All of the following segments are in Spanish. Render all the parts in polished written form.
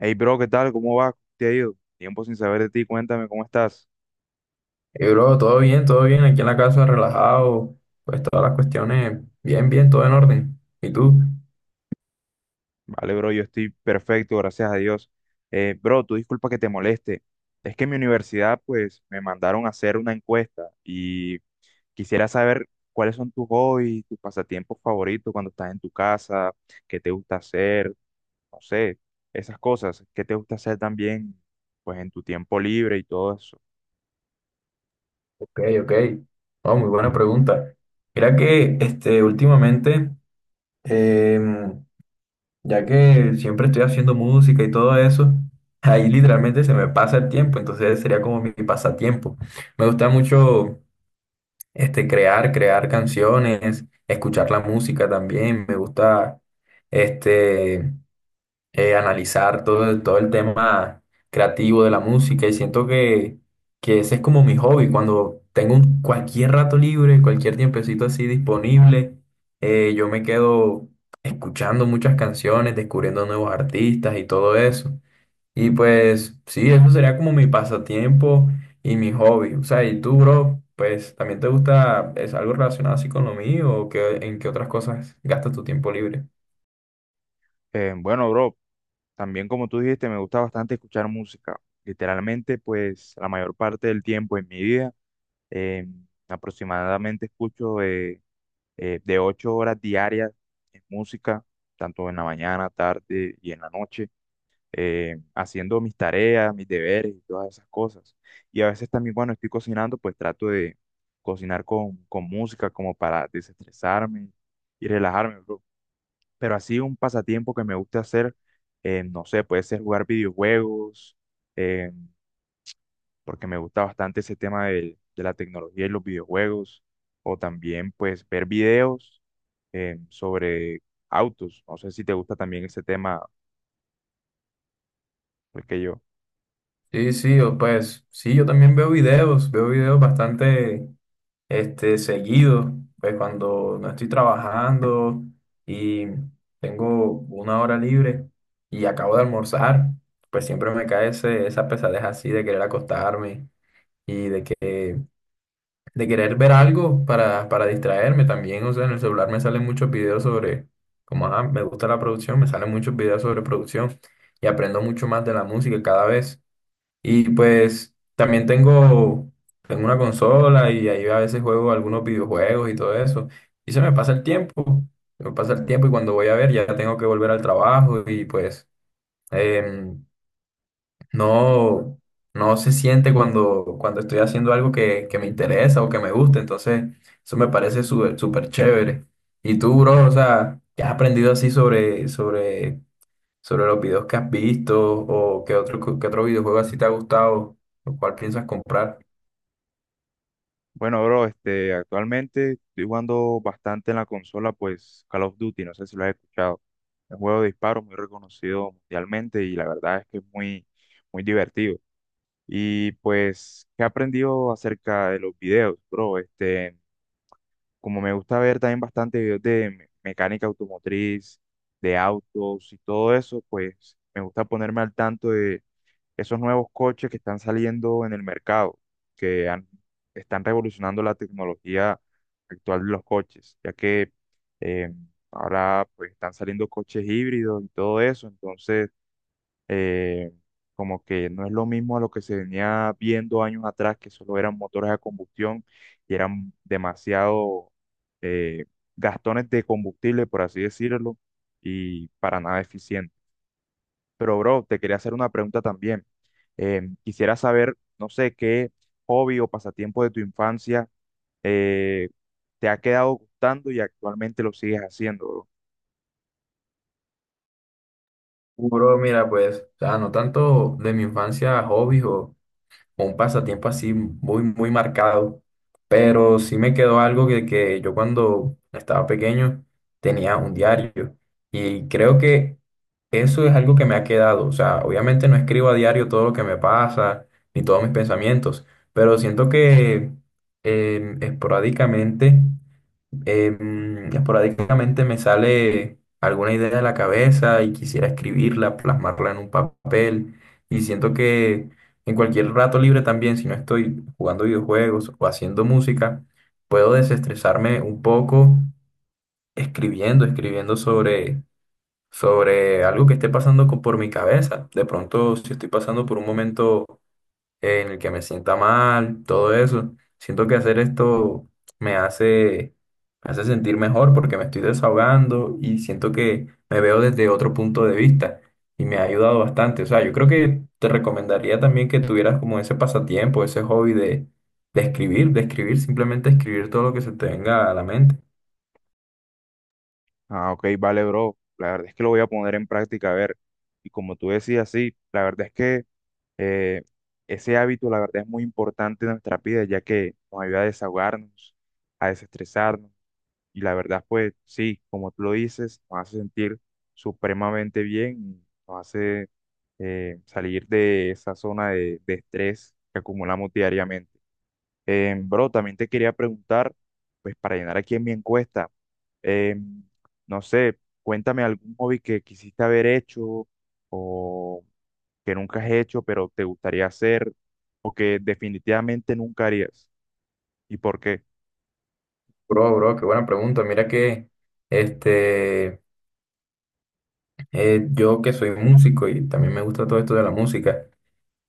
Hey, bro, ¿qué tal? ¿Cómo va? ¿Cómo ¿Te ha ido? Tiempo sin saber de ti, cuéntame cómo estás. Hey, bro, todo bien, aquí en la casa, relajado, pues todas las cuestiones, bien, bien, todo en orden. ¿Y tú? Vale, bro, yo estoy perfecto, gracias a Dios. Bro, tú disculpa que te moleste. Es que en mi universidad, pues, me mandaron a hacer una encuesta y quisiera saber cuáles son tus hobbies, tus pasatiempos favoritos cuando estás en tu casa, qué te gusta hacer, no sé, esas cosas, qué te gusta hacer también, pues, en tu tiempo libre y todo eso. Ok, ok. Oh, muy buena pregunta. Mira que este, últimamente, em, ya que siempre estoy haciendo música y todo eso, ahí literalmente se me pasa el tiempo, entonces sería como mi pasatiempo. Me gusta mucho este, crear canciones, escuchar la música también, me gusta este analizar todo, todo el tema creativo de la música y siento que ese es como mi hobby. Cuando tengo cualquier rato libre, cualquier tiempecito así disponible, yo me quedo escuchando muchas canciones, descubriendo nuevos artistas y todo eso. Y pues sí, eso sería como mi pasatiempo y mi hobby. O sea, y tú, bro, pues también te gusta, es algo relacionado así con lo mío o que, en qué otras cosas gastas tu tiempo libre. Bueno, bro. También, como tú dijiste, me gusta bastante escuchar música. Literalmente, pues la mayor parte del tiempo en mi vida, eh, aproximadamente escucho de 8 horas diarias en música, tanto en la mañana, tarde y en la noche, haciendo mis tareas, mis deberes y todas esas cosas. Y a veces también cuando estoy cocinando, pues trato de cocinar con música como para desestresarme y relajarme. Pero así un pasatiempo que me gusta hacer, no sé, puede ser jugar videojuegos, eh, porque me gusta bastante ese tema de la tecnología y los videojuegos, o también pues ver videos sobre autos. No sé si te gusta también ese tema, pues que yo. Sí, sí, o pues sí, yo también veo videos bastante este, seguidos, pues cuando no estoy trabajando y tengo una hora libre y acabo de almorzar, pues siempre me cae esa pesadez así de querer acostarme y de querer ver algo para distraerme también. O sea, en el celular me salen muchos videos sobre, como ajá, me gusta la producción, me salen muchos videos sobre producción y aprendo mucho más de la música cada vez. Y pues también tengo una consola y ahí a veces juego algunos videojuegos y todo eso. Y se me pasa el tiempo y cuando voy a ver ya tengo que volver al trabajo y pues em, no, no se siente cuando estoy haciendo algo que me interesa o que me gusta. Entonces eso me parece súper súper chévere. ¿Y tú, bro? O sea, ¿qué has aprendido así sobre los videos que has visto o qué otro videojuego así te ha gustado, lo cual piensas comprar? Bueno, bro, este, actualmente estoy jugando bastante en la consola, pues Call of Duty, no sé si lo has escuchado. Es un juego de disparos muy reconocido mundialmente y la verdad es que es muy divertido. Y pues, ¿qué he aprendido acerca de los videos, bro? Este, como me gusta ver también bastante videos de mecánica automotriz, de autos y todo eso, pues me gusta ponerme al tanto de esos nuevos coches que están saliendo en el mercado, que han- están revolucionando la tecnología actual de los coches, ya que eh, ahora pues están saliendo coches híbridos y todo eso, entonces eh, como que no es lo mismo a lo que se venía viendo años atrás, que solo eran motores a combustión y eran demasiado eh, gastones de combustible, por así decirlo, y para nada eficiente. Pero, bro, te quería hacer una pregunta también. Quisiera saber, no sé, qué hobby o pasatiempo de tu infancia eh, te ha quedado gustando y actualmente lo sigues haciendo, bro. Bro, mira, pues, o sea, no tanto de mi infancia hobbies o un pasatiempo así muy, muy marcado, pero sí me quedó algo que yo cuando estaba pequeño tenía un diario y creo que eso es algo que me ha quedado. O sea, obviamente no escribo a diario todo lo que me pasa ni todos mis pensamientos, pero siento que esporádicamente. Esporádicamente me sale alguna idea de la cabeza y quisiera escribirla, plasmarla en un papel. Y siento que en cualquier rato libre también, si no estoy jugando videojuegos o haciendo música, puedo desestresarme un poco escribiendo sobre algo que esté pasando por mi cabeza. De pronto, si estoy pasando por un momento en el que me sienta mal, todo eso. Siento que hacer esto me hace, me hace sentir mejor porque me estoy desahogando y siento que me veo desde otro punto de vista y me ha ayudado bastante. O sea, yo creo que te recomendaría también que tuvieras como ese pasatiempo, ese hobby de simplemente escribir todo lo que se te venga a la mente. Ah, ok, vale, bro. La verdad es que lo voy a poner en práctica, a ver. Y como tú decías, sí, la verdad es que eh, ese hábito, la verdad, es muy importante en nuestra vida, ya que nos ayuda a desahogarnos, a desestresarnos. Y la verdad, pues sí, como tú lo dices, nos hace sentir supremamente bien, nos hace salir de esa zona de estrés que acumulamos diariamente. Bro, también te quería preguntar, pues para llenar aquí en mi encuesta, eh, no sé, cuéntame algún hobby que quisiste haber hecho o que nunca has hecho, pero te gustaría hacer o que definitivamente nunca harías. ¿Y por qué? Bro, bro, qué buena pregunta. Mira que este, yo que soy músico y también me gusta todo esto de la música.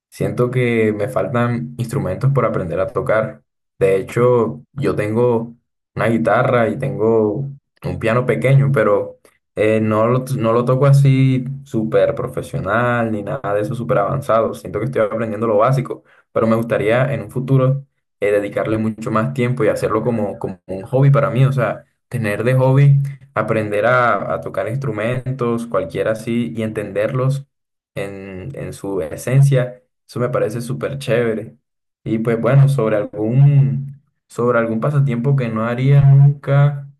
Siento que me faltan instrumentos por aprender a tocar. De hecho, yo tengo una guitarra y tengo un piano pequeño, pero no lo toco así súper profesional ni nada de eso súper avanzado. Siento que estoy aprendiendo lo básico, pero me gustaría en un futuro dedicarle mucho más tiempo y hacerlo como un hobby para mí. O sea, tener de hobby, aprender a tocar instrumentos, cualquiera así, y entenderlos en su esencia. Eso me parece súper chévere. Y pues bueno, sobre algún pasatiempo que no haría nunca,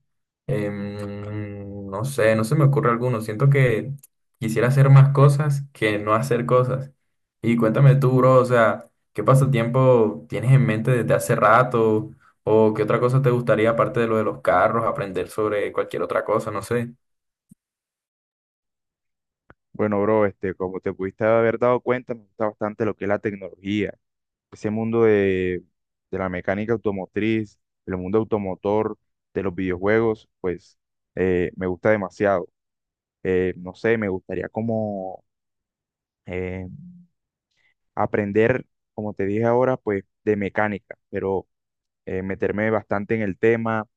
no sé, no se me ocurre alguno. Siento que quisiera hacer más cosas que no hacer cosas. Y cuéntame tú, bro, o sea, ¿qué pasatiempo tienes en mente desde hace rato? ¿O qué otra cosa te gustaría aparte de lo de los carros, aprender sobre cualquier otra cosa? No sé. Bueno, bro, este, como te pudiste haber dado cuenta, me gusta bastante lo que es la tecnología, ese mundo de la mecánica automotriz, el mundo automotor, de los videojuegos, pues me gusta demasiado. No sé, me gustaría como eh, aprender, como te dije ahora, pues de mecánica, pero meterme bastante en el tema,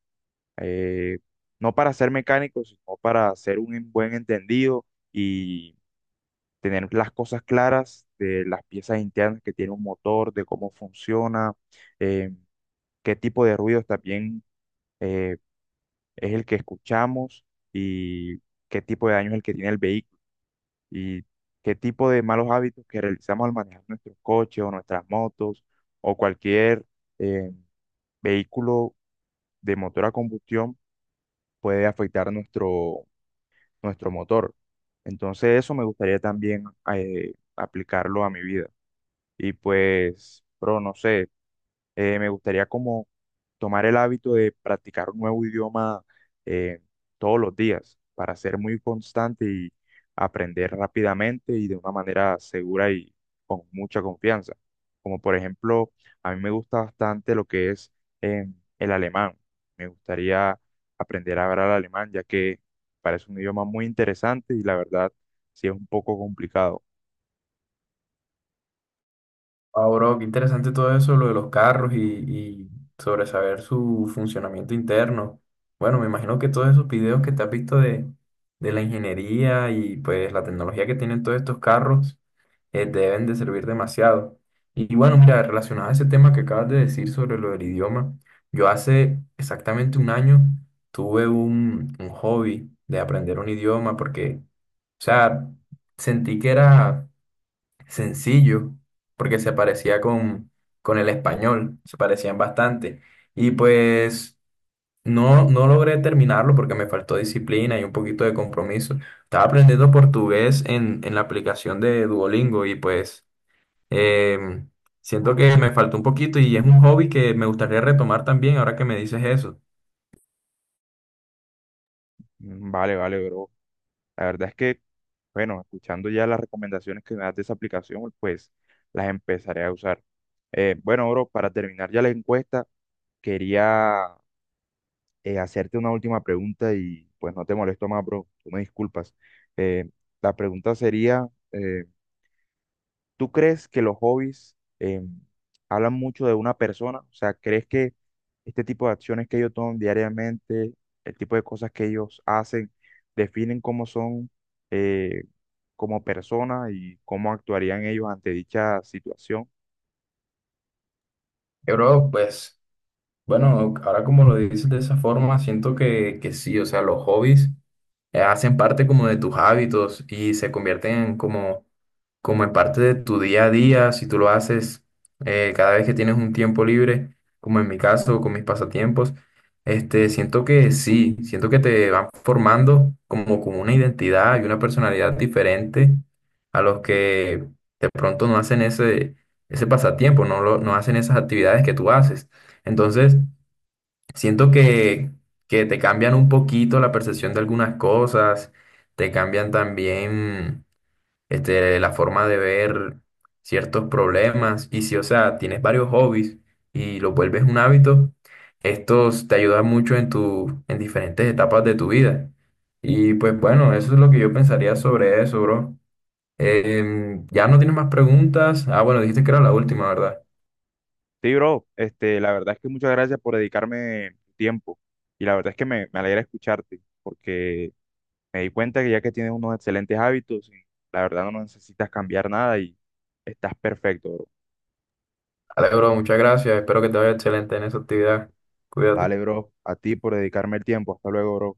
eh, no para ser mecánico, sino para ser buen entendido y tener las cosas claras de las piezas internas que tiene un motor, de cómo funciona, eh, qué tipo de ruidos también eh, es el que escuchamos y qué tipo de daño es el que tiene el vehículo. Y qué tipo de malos hábitos que realizamos al manejar nuestros coches o nuestras motos o cualquier eh, vehículo de motor a combustión puede afectar nuestro motor. Entonces eso me gustaría también aplicarlo a mi vida. Y pues, pero no sé. Me gustaría como tomar el hábito de practicar un nuevo idioma eh, todos los días para ser muy constante y aprender rápidamente y de una manera segura y con mucha confianza. Como por ejemplo, a mí me gusta bastante lo que es eh, el alemán. Me gustaría aprender a hablar alemán ya que parece un idioma muy interesante y la verdad sí es un poco complicado. Ah, bro, qué interesante todo eso, lo de los carros y sobre saber su funcionamiento interno. Bueno, me imagino que todos esos videos que te has visto de la ingeniería y pues la tecnología que tienen todos estos carros deben de servir demasiado. Y bueno, mira, relacionado a ese tema que acabas de decir sobre lo del idioma, yo hace exactamente un año tuve un hobby de aprender un idioma porque, o sea, sentí que era sencillo, porque se parecía con el español, se parecían bastante. Y pues no, no logré terminarlo porque me faltó disciplina y un poquito de compromiso. Estaba aprendiendo portugués en la aplicación de Duolingo y pues em, siento que me faltó un poquito y es un hobby que me gustaría retomar también ahora que me dices eso. Mm, vale, bro. La verdad es que, bueno, escuchando ya las recomendaciones que me das de esa aplicación, pues las empezaré a usar. Bueno, bro, para terminar ya la encuesta, quería hacerte una última pregunta y pues no te molesto más, bro, tú me disculpas. Eh, la pregunta sería, eh, ¿tú crees que los hobbies hablan mucho de una persona? O sea, ¿crees que este tipo de acciones que ellos toman diariamente, el tipo de cosas que ellos hacen, definen cómo son eh, como personas y cómo actuarían ellos ante dicha situación? Bro, pues bueno, ahora como lo dices de esa forma, siento que sí, o sea, los hobbies hacen parte como de tus hábitos y se convierten en como en parte de tu día a día, si tú lo haces cada vez que tienes un tiempo libre, como en mi caso, con mis pasatiempos, este, siento que sí, siento que te van formando como una identidad y una personalidad diferente a los que de pronto no hacen ese pasatiempo, no hacen esas actividades que tú haces. Entonces, siento que te cambian un poquito la percepción de algunas cosas, te cambian también este, la forma de ver ciertos problemas. Y si, o sea, tienes varios hobbies y lo vuelves un hábito, estos te ayudan mucho en en diferentes etapas de tu vida. Y pues bueno, eso es lo que yo pensaría sobre eso, bro. Ya no tienes más preguntas. Ah, bueno, dijiste que era la última, ¿verdad? Sí, bro, este, la verdad es que muchas gracias por dedicarme tu tiempo y la verdad es que me alegra escucharte porque me di cuenta que ya que tienes unos excelentes hábitos, la verdad no necesitas cambiar nada y estás perfecto, bro. Vale, bro, muchas gracias. Espero que te vaya excelente en esa actividad. Cuídate. Vale, bro, a ti por dedicarme el tiempo. Hasta luego, bro.